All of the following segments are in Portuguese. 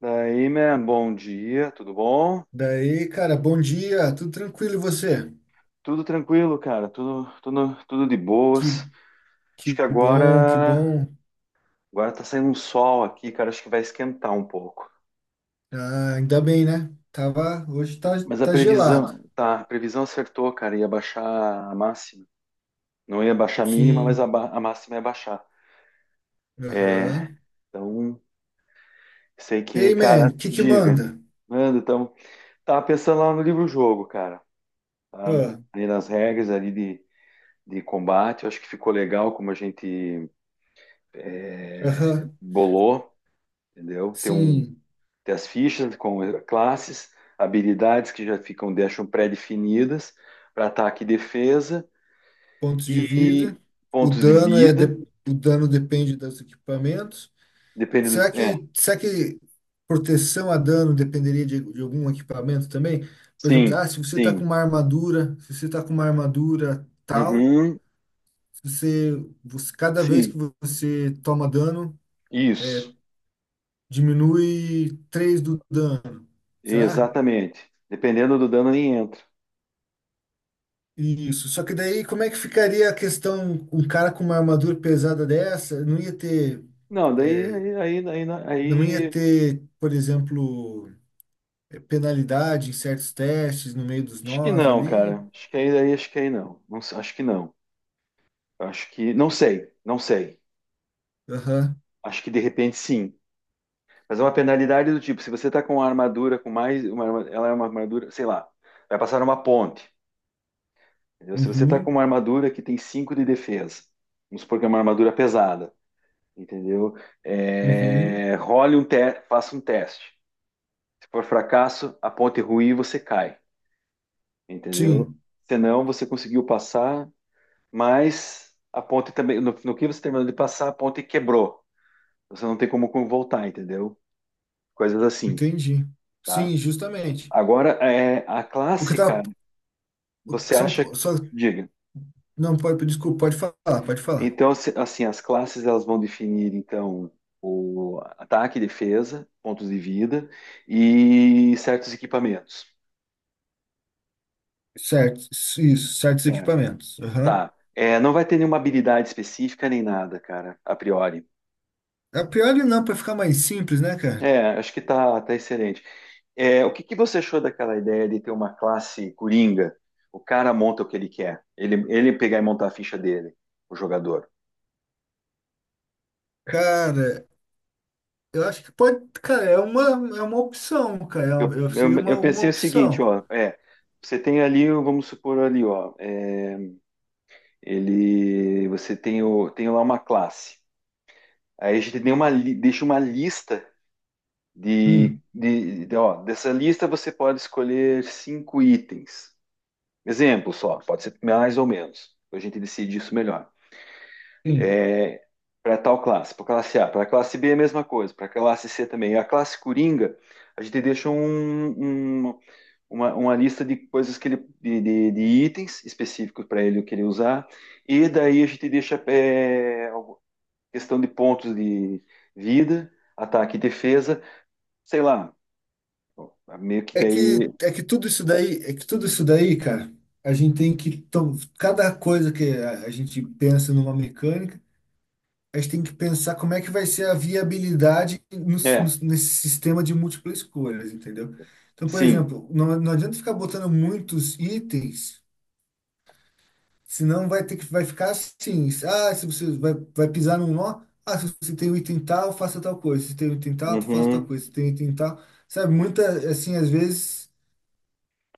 Daí, man, bom dia, tudo bom? Daí, cara, bom dia, tudo tranquilo e você? Tudo tranquilo, cara, tudo de Que, boas. Acho que que bom, que agora, bom. agora tá saindo um sol aqui, cara, acho que vai esquentar um pouco. Ah, ainda bem, né? Tava, hoje tá, Mas a tá gelado. previsão, tá, a previsão acertou, cara, ia baixar a máxima. Não ia baixar a mínima, mas Sim, a máxima ia baixar. É, aham. então, sei E que, aí, man, cara, o que que diga. manda? Mano, então, tava pensando lá no livro-jogo, cara, tá? Ah, Ali nas regras ali de combate, eu acho que ficou legal como a gente aham, bolou. Entendeu? Tem um, sim, tem as fichas com classes, habilidades que já ficam, deixam pré-definidas para ataque e defesa pontos de vida. e O pontos de vida, o dano depende dos equipamentos. depende Será dos, é, que, será que proteção a dano dependeria de algum equipamento também? Por exemplo, sim, se você tá com sim, uma armadura, se você tá com uma armadura tal. uhum, Você, você, cada vez que sim, você toma dano, é, isso, diminui 3 do dano, será? exatamente. Dependendo do dano nem entra. Isso. Só que daí, como é que ficaria a questão, um cara com uma armadura pesada dessa, Não, daí, é, aí, não- não ia aí- ter, por exemplo, penalidade em certos testes no meio dos acho que nós não, ali? cara. Acho que aí, acho que aí não. Não sei, acho que não. Acho que, não sei, não sei. Aham. Acho que de repente sim. Fazer uma penalidade do tipo, se você está com uma armadura com mais, ela é uma armadura, sei lá, vai passar uma ponte, entendeu? Se você está com Uhum. uma armadura que tem 5 de defesa, vamos supor que é uma armadura pesada, entendeu? Uhum. É, faça um teste. Se for fracasso, a ponte ruir, você cai, entendeu? Sim, Senão você conseguiu passar, mas a ponte também, no, que você terminou de passar, a ponte quebrou. Você não tem como voltar, entendeu? Coisas assim, entendi. tá? Sim, justamente. Agora, é, a O que eu tava, clássica. o Você que são, acha que, só, diga. não, pode, desculpa, pode falar, pode falar. Então, assim, as classes elas vão definir então o ataque, defesa, pontos de vida e certos equipamentos. Certos, isso, certos Tá. equipamentos. Aham. Tá. É, não vai ter nenhuma habilidade específica nem nada, cara, a priori. A Pioli não, para ficar mais simples, né, cara? É, acho que tá excelente. É, o que que você achou daquela ideia de ter uma classe coringa? O cara monta o que ele quer. Ele pegar e montar a ficha dele, o jogador. Cara, eu acho que pode. Cara, é uma opção, cara. É um- Eu, eu- seria eu, eu uma pensei o seguinte, opção. ó, é, você tem ali, vamos supor ali, ó, é, ele, você tem, o, tem lá uma classe. Aí a gente tem deixa uma lista Hum, ó, dessa lista você pode escolher cinco itens. Exemplo só, pode ser mais ou menos. A gente decide isso melhor. sim. É, para tal classe, para classe A, para classe B é a mesma coisa, para classe C também. A classe Coringa, a gente deixa uma lista de coisas que ele, de itens específicos para ele que ele usar, e daí a gente deixa é, questão de pontos de vida, ataque e defesa, sei lá, meio que É daí, que, é que tudo isso daí, cara, a gente tem que. Cada coisa que a gente pensa numa mecânica. A gente tem que pensar como é que vai ser a viabilidade é, nesse sistema de múltiplas escolhas, entendeu? Então, por sim, exemplo, não adianta ficar botando muitos itens, senão vai ter que vai ficar assim, ah, se você vai pisar num nó, ah, se você tem o item tal, faça tal coisa, se tem o item tal, faça tal uhum. coisa, se tem o item tal, sabe? Muita, assim, às vezes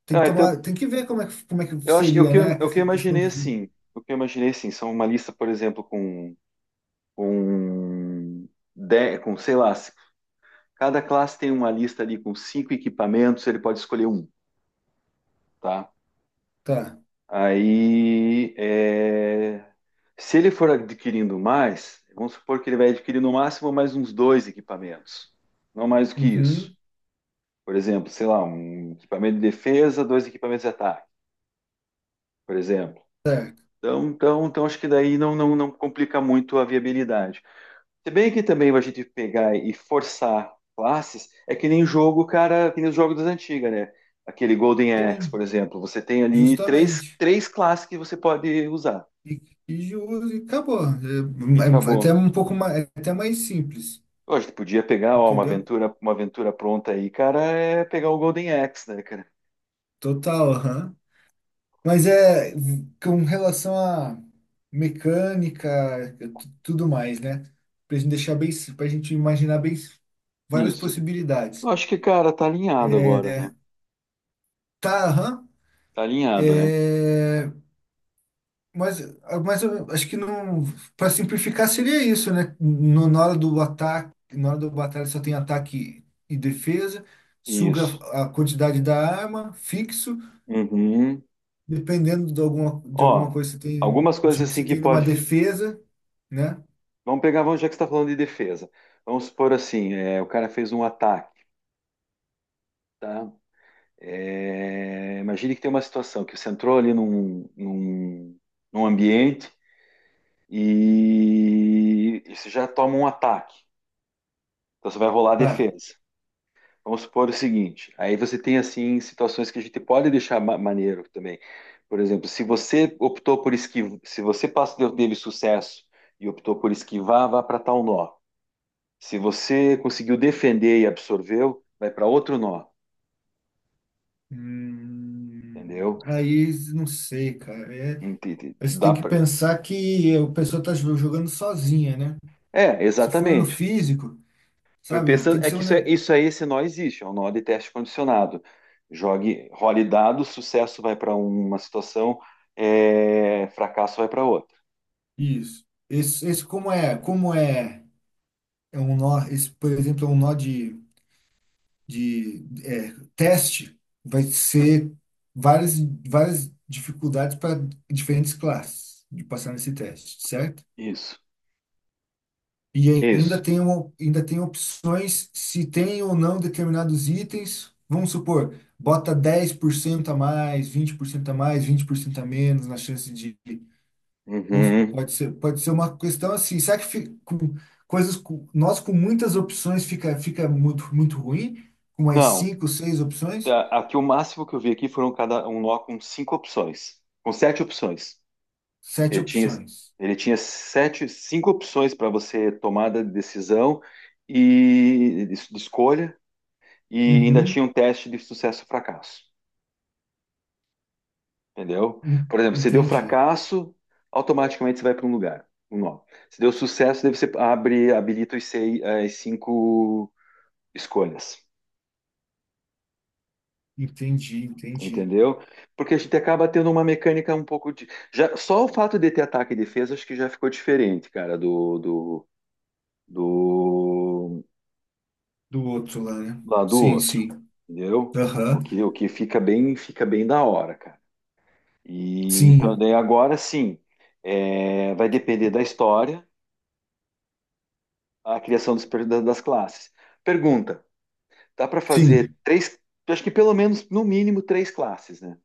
tem que Ah, então tomar, tem que ver como é que eu acho, seria, né? eu, que Essa questão imaginei dos... assim, o que eu imaginei assim, são uma lista, por exemplo, com, de, com sei lá, cada classe tem uma lista ali com cinco equipamentos, ele pode escolher um, tá? Tá. Aí, é, se ele for adquirindo mais, vamos supor que ele vai adquirir no máximo mais uns dois equipamentos, não mais do que isso. Uhum. Por exemplo, sei lá, um equipamento de defesa, dois equipamentos de ataque, por exemplo. Certo. Então, acho que daí não complica muito a viabilidade. Se bem que também a gente pegar e forçar classes, é que nem jogo, cara, que nem os jogos das antigas, né? Aquele Golden Axe, Sim, por exemplo, você tem ali três, justamente. três classes que você pode usar. E, e de uso, e acabou. E É até acabou. um pouco mais, é até mais simples, Pô, a gente podia pegar, ó, uma entendeu? aventura, pronta aí, cara, é pegar o Golden Axe, né, cara? Total, aham. Mas é com relação a mecânica, tudo mais, né? Pra gente deixar bem, pra gente imaginar bem várias Isso. Eu possibilidades. acho que, cara, tá alinhado agora, né? Tá, aham. Tá alinhado, né? É, Mas, mas eu acho que não. Para simplificar, seria isso, né? Na hora do ataque, na hora do batalha só tem ataque e defesa, suga Isso. a quantidade da arma, fixo, Uhum. dependendo de alguma Ó, coisa que você tem. algumas coisas Tipo, assim você que tem uma pode. defesa, né? Vamos pegar, vamos, já que você tá falando de defesa. Vamos supor assim, é, o cara fez um ataque, tá? É, imagine que tem uma situação que você entrou ali num, ambiente e você já toma um ataque. Então você vai rolar a Tá. defesa. Vamos supor o seguinte, aí você tem assim situações que a gente pode deixar maneiro também. Por exemplo, se você optou por esquivar, se você passa teve sucesso e optou por esquivar, vá para tal nó. Se você conseguiu defender e absorveu, vai para outro nó, entendeu? Aí não sei, cara. Entendi. Você Dá tem que para. pensar que a pessoa tá jogando sozinha, né? É, Se for no exatamente. físico, Foi sabe, tem pensando, que é ser que um. isso é, isso aí, esse nó existe, é um nó de teste condicionado. Jogue, role dados, sucesso vai para uma situação, é, fracasso vai para outra. Isso. Esse como é, é um nó, esse, por exemplo, é um nó de teste, vai ser várias, várias dificuldades para diferentes classes de passar nesse teste, certo? Isso. E Isso. ainda tem, ainda tem opções se tem ou não determinados itens. Vamos supor, bota 10% a mais, 20% a mais, 20% a menos na chance de Vamos- Uhum. Pode ser, pode ser uma questão assim, será que com, coisas nós com muitas opções fica muito, muito ruim? Com mais Não, cinco, seis opções? tá, aqui o máximo que eu vi aqui foram cada um nó com cinco opções, com sete opções. Sete Ele tinha, opções. ele tinha sete, cinco opções para você tomada de decisão e de escolha, e ainda tinha Uhum, um teste de sucesso e fracasso, entendeu? en- Por exemplo, se deu entendi, fracasso, automaticamente você vai para um lugar, um nó. Se deu sucesso, daí você abre, habilita os seis, as cinco escolhas. entendi, entendi. Entendeu? Porque a gente acaba tendo uma mecânica um pouco de. Já, só o fato de ter ataque e defesa, acho que já ficou diferente, cara, do, do Do outro lá, né? lá do Sim, outro. sim. Entendeu? O Aham. que, o que fica bem da hora, cara. E então, Sim, daí agora sim, é, vai depender da história, a criação dos das classes. Pergunta: dá para fazer sim. três? Acho que pelo menos, no mínimo, três classes, né?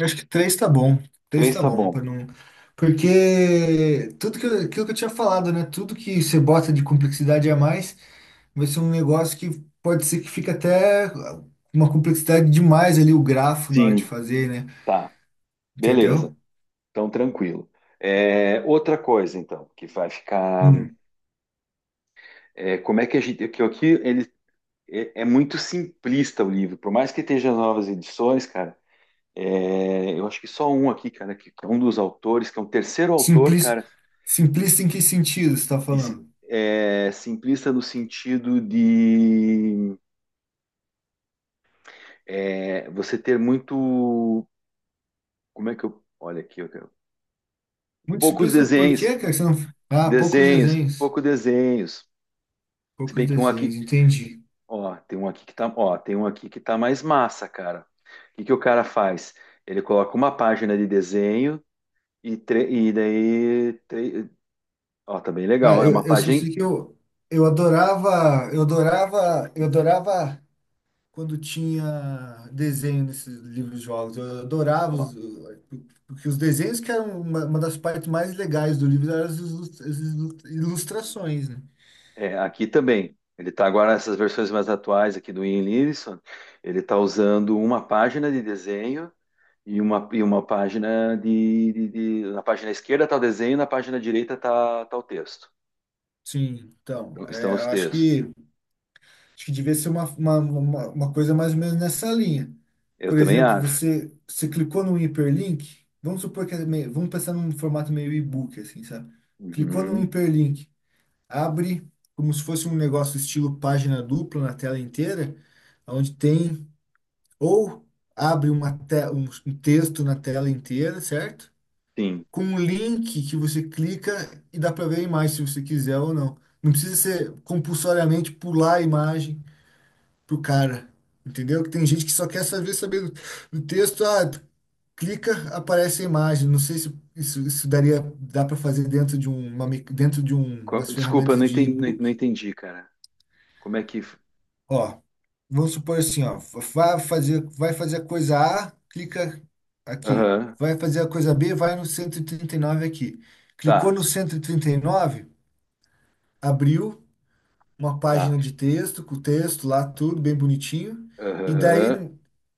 Acho que três tá bom. Três Três tá tá bom, bom. para não. Porque tudo que eu, aquilo que eu tinha falado, né? Tudo que você bota de complexidade a mais vai ser um negócio que pode ser que fique até uma complexidade demais ali o grafo na hora de Sim, fazer, né? tá. Beleza. Entendeu? Então, tranquilo. É, outra coisa, então, que vai ficar. Hum. É, como é que a gente. Que aqui ele é, muito simplista o livro, por mais que esteja as novas edições, cara. É, eu acho que só um aqui, cara, que é um dos autores, que é um terceiro autor, Simplis, cara, simplista em que sentido você está e falando? é simplista no sentido de é, você ter muito. Como é que eu. Olha aqui, Muito poucos simplista por quê, desenhos, cara? Você não... Ah, poucos desenhos, desenhos. pouco desenhos. Se Poucos bem que um aqui. desenhos, entendi. Ó, tem um aqui que tá, ó, tem um aqui que tá mais massa, cara. O que que o cara faz? Ele coloca uma página de desenho e, e daí, ó, tá bem legal. Cara, É eu, uma eu só página, sei que eu adorava, eu adorava, eu adorava quando tinha desenho nesses livros de jogos. Eu adorava, ó, os, porque os desenhos que eram uma das partes mais legais do livro eram as ilustrações, né? é, aqui também. Ele tá agora essas versões mais atuais aqui do Ian Livingstone. Ele tá usando uma página de desenho e uma, página de, na página esquerda tá o desenho, na página direita tá o texto. Sim, então, Então, estão os eu acho textos. que devia ser uma coisa mais ou menos nessa linha. Eu Por também exemplo, acho. você clicou num hiperlink, vamos supor que é meio, vamos pensar num formato meio e-book, assim, sabe? Clicou num Uhum, hiperlink, abre como se fosse um negócio estilo página dupla na tela inteira, onde tem ou abre uma um texto na tela inteira, certo? sim. Com um link que você clica e dá para ver a imagem se você quiser ou não. Não precisa ser compulsoriamente pular a imagem pro cara, entendeu? Que tem gente que só quer saber do texto, tu clica, aparece a imagem. Não sei se isso daria dá para fazer dentro de dentro de um, umas Desculpa, eu ferramentas não de entendi, não não e-book. entendi, cara. Como é que. Ó, vamos supor assim, ó, vai fazer a coisa A, clica aqui. Aham, Vai fazer a coisa B, vai no cento e trinta e nove aqui. Clicou tá, no cento e trinta e nove, abriu uma tá. página de texto, com o texto lá, tudo bem bonitinho. E daí Aham,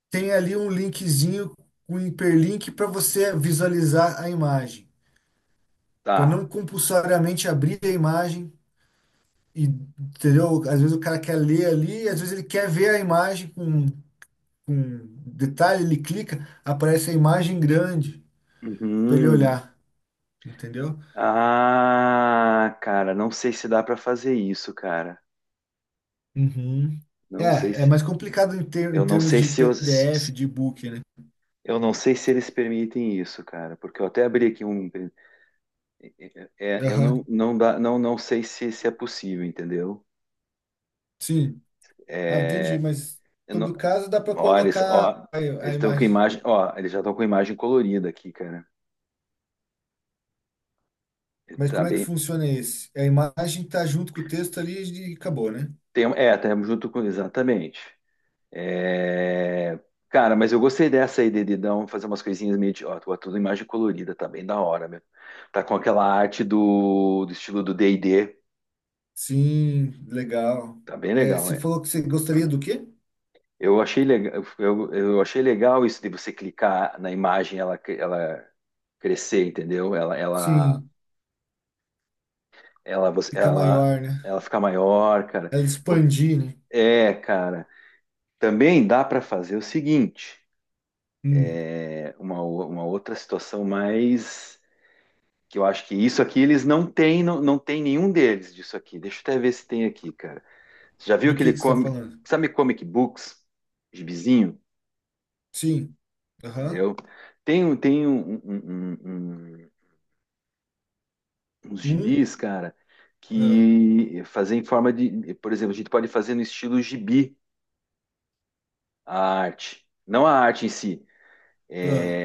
tem ali um linkzinho, um hiperlink para você visualizar a imagem. Para tá. não compulsoriamente abrir a imagem, e, entendeu? Às vezes o cara quer ler ali, às vezes ele quer ver a imagem com detalhe, ele clica, aparece a imagem grande para ele Uhum. olhar, entendeu? Ah, cara, não sei se dá pra fazer isso, cara. Uhum. Não sei É é se. mais complicado em, ter, Eu em não termos sei de se eu, PDF, de e-book, né? eu não sei se eles permitem isso, cara, porque eu até abri aqui um. É, eu Aham. não, não dá, não, não sei se, se é possível, entendeu? Sim. Ah, entendi, É, mas em eu todo não, caso dá para olha, colocar ó, a eles estão com imagem. imagem, ó, eles já estão com imagem colorida aqui, cara. Mas Tá como é que bem, funciona esse? A imagem tá junto com o texto ali e acabou, né? tem, um, é, estamos junto com. Exatamente. É, cara, mas eu gostei dessa aí, Dedidão, fazer umas coisinhas meio de. Ó, tudo imagem colorida, tá bem da hora, meu. Tá com aquela arte do, estilo do D&D, Sim, legal. tá bem legal, Você é. falou que você gostaria do quê? Eu achei legal, eu achei legal isso de você clicar na imagem, ela, ela crescer, entendeu? Sim, ela, você- ficar ela, maior, né? ela ficar maior, cara. Ela O- expandir, né? É, cara. Também dá para fazer o seguinte. Hum, Uma outra situação mais que eu acho que isso aqui eles não têm, não, não tem nenhum deles disso aqui. Deixa eu até ver se tem aqui, cara. Você já viu do aquele que você está comic, falando? sabe comic books, gibizinho, Sim. Aham. entendeu? Tem um- um- um- um- um, uns Um. gibis, cara, ah, que fazem em forma de, por exemplo, a gente pode fazer no estilo gibi a arte, não a arte em si. ah,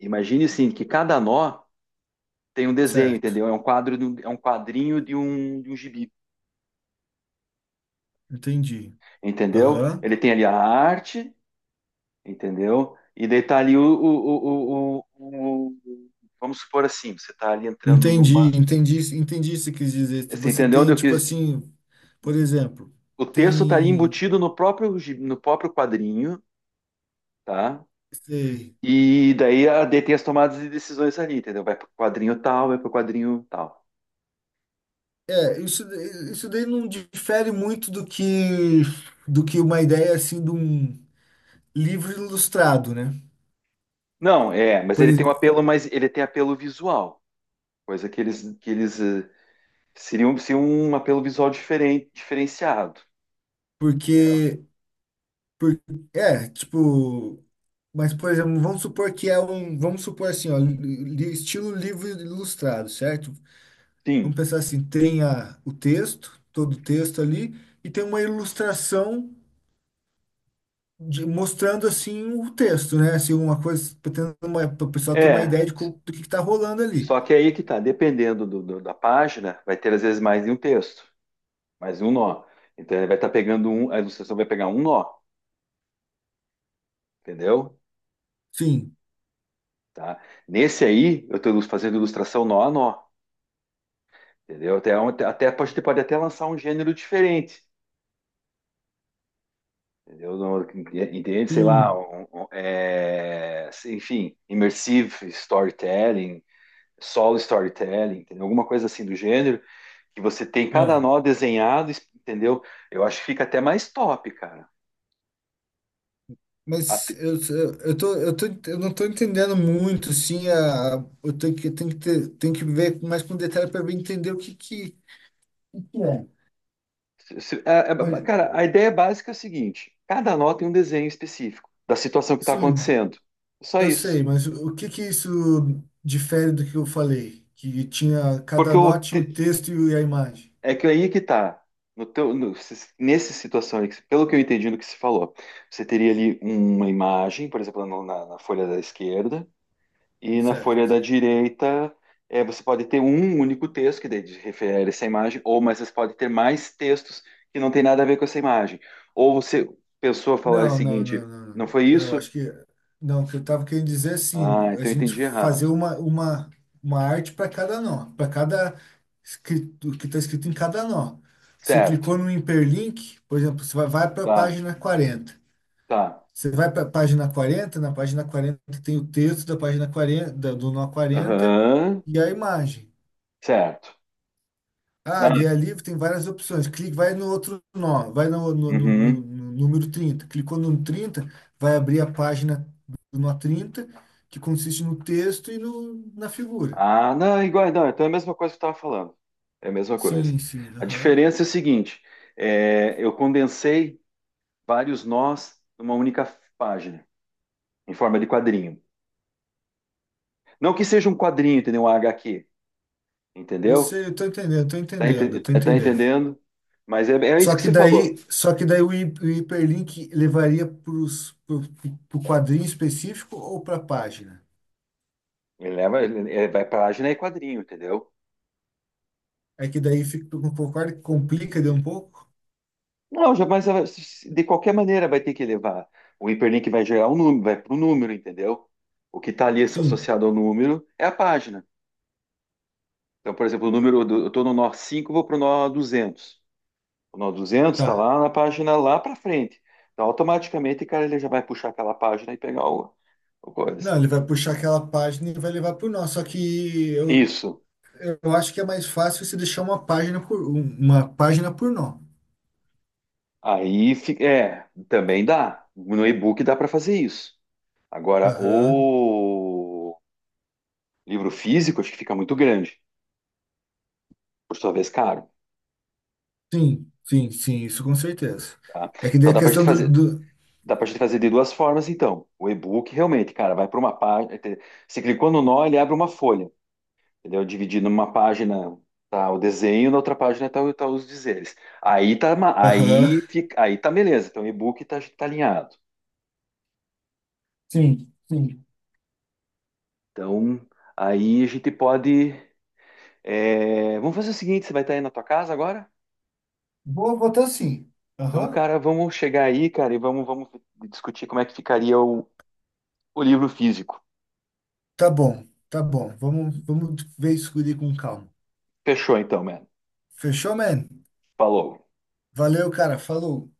Imagine assim que cada nó tem um desenho, certo. entendeu? É um quadro, é um quadrinho de um, gibi. Entendi. Entendeu? Aham. Ele tem ali a arte, entendeu? E daí tá ali o, vamos supor assim, você tá ali entrando numa, Entendi, entendi, entendi o que você quis dizer. você Você entendeu onde tem, eu tipo quis? assim, por exemplo, O texto tá ali tem. embutido no próprio no próprio quadrinho, tá? Sei. E daí a daí tem as tomadas de decisões ali, entendeu? Vai pro quadrinho tal, vai pro quadrinho tal. É, isso daí não difere muito do que uma ideia assim de um livro ilustrado, né? Não, é, mas Por, ele tem um ex- apelo, mas ele tem apelo visual, coisa que eles seriam, seria um apelo visual diferente, diferenciado, entendeu? porque por, tipo, mas por exemplo, vamos supor que é um, vamos supor assim, ó, estilo livro ilustrado, certo? Sim. Vamos pensar assim, tem o texto, todo o texto ali, e tem uma ilustração mostrando assim o texto, né? Assim, uma coisa para o pessoal ter uma É, ideia de do que está rolando ali. só que aí que tá, dependendo do- da página, vai ter às vezes mais de um texto, mais de um nó. Então ele vai estar pegando um, a ilustração vai pegar um nó, entendeu? Sim, Tá? Nesse aí, eu estou fazendo ilustração nó a nó, entendeu? Até, até pode, pode até lançar um gênero diferente, entendeu? No- Entende? Sei lá, sim. É, enfim, immersive storytelling, solo storytelling, entendeu? Alguma coisa assim do gênero, que você tem cada É. nó desenhado, entendeu? Eu acho que fica até mais top, cara. A Mas te- eu tô, eu não tô entendendo muito, sim, eu tenho que ter, tenho que ver mais com detalhe para entender o o que é. se- é- Pois, é- cara, a ideia básica é a seguinte: cada nó tem um desenho específico da situação que está sim, acontecendo. Só eu isso. sei, mas o que que isso difere do que eu falei? Que tinha, Porque cada nó tinha um texto e a imagem, é que aí é que tá. No teu, nessa situação aí, que pelo que eu entendi do que se falou, você teria ali uma imagem, por exemplo, na, na folha da esquerda, e na folha certo? da direita, é, você pode ter um único texto que daí refere a essa imagem, ou mas você pode ter mais textos que não tem nada a ver com essa imagem. Ou você pensou a falar o Não, não, seguinte: não, não. não Não, foi não, isso? acho que. Não, o que eu estava querendo dizer é assim, Ah, a então eu gente entendi fazer errado. uma, uma arte para cada nó, para cada escrito, o que está escrito em cada nó. Você Certo. clicou no hiperlink, por exemplo, você vai para a Tá, página 40. tá. Você vai para a página 40, na página 40 tem o texto da página 40 do nó 40 Aham. e a imagem. Certo. Ah, Não, dia livre tem várias opções. Clique, vai no outro nó, vai uhum. no número 30. Clicou no 30, vai abrir a página do nó 30, que consiste no texto e no, na figura. Ah, não, igual, não, então é a mesma coisa que eu estava falando. É a mesma coisa. Sim, sim, A aham. diferença é o seguinte, é, eu condensei vários nós numa única página, em forma de quadrinho. Não que seja um quadrinho, entendeu? Um HQ, Eu entendeu? sei, eu tô entendendo, tô Tá, entendendo, tô tá entendendo. entendendo? Mas é isso Só que que você daí, falou. só que daí o hiperlink levaria pro quadrinho específico ou para a página? Ele leva, vai página e quadrinho, entendeu? É que daí fica, concorda que complica de um pouco? Não, já, mas de qualquer maneira vai ter que levar. O hiperlink vai gerar um número, vai para o número, entendeu? O que está ali Sim, associado ao número é a página. Então, por exemplo, o número, eu estou no nó 5, vou para o nó 200. O nó duzentos está tá. lá na página lá para frente. Então, automaticamente, cara, ele já vai puxar aquela página e pegar o, coisa. Não, ele vai puxar aquela página e vai levar para o nosso. Só que eu, Isso. eu acho que é mais fácil se deixar uma página uma página por nó. Aí, é, também dá. No e-book dá para fazer isso. Agora, Aham. o livro físico, acho que fica muito grande, por sua vez, caro. Sim, sim, sim, isso com certeza. Tá? É que daí Então a dá pra gente questão do, fazer, do... dá pra gente fazer de duas formas, então. O e-book realmente, cara, vai para uma página. Você clicou no nó, ele abre uma folha, entendeu? Dividindo numa página tá o desenho, na outra página tá os dizeres. Aí tá, Aham. aí fica, aí tá beleza. Então o e-book tá alinhado. Sim, sim. Então aí a gente pode. É, vamos fazer o seguinte, você vai estar aí na tua casa agora? Vou botar sim. Então, Aham. cara, vamos chegar aí, cara, e vamos discutir como é que ficaria o, livro físico. Tá bom, tá bom. Vamos ver isso com calma. Fechou então, mano. Fechou, man? Falou. Valeu, cara. Falou.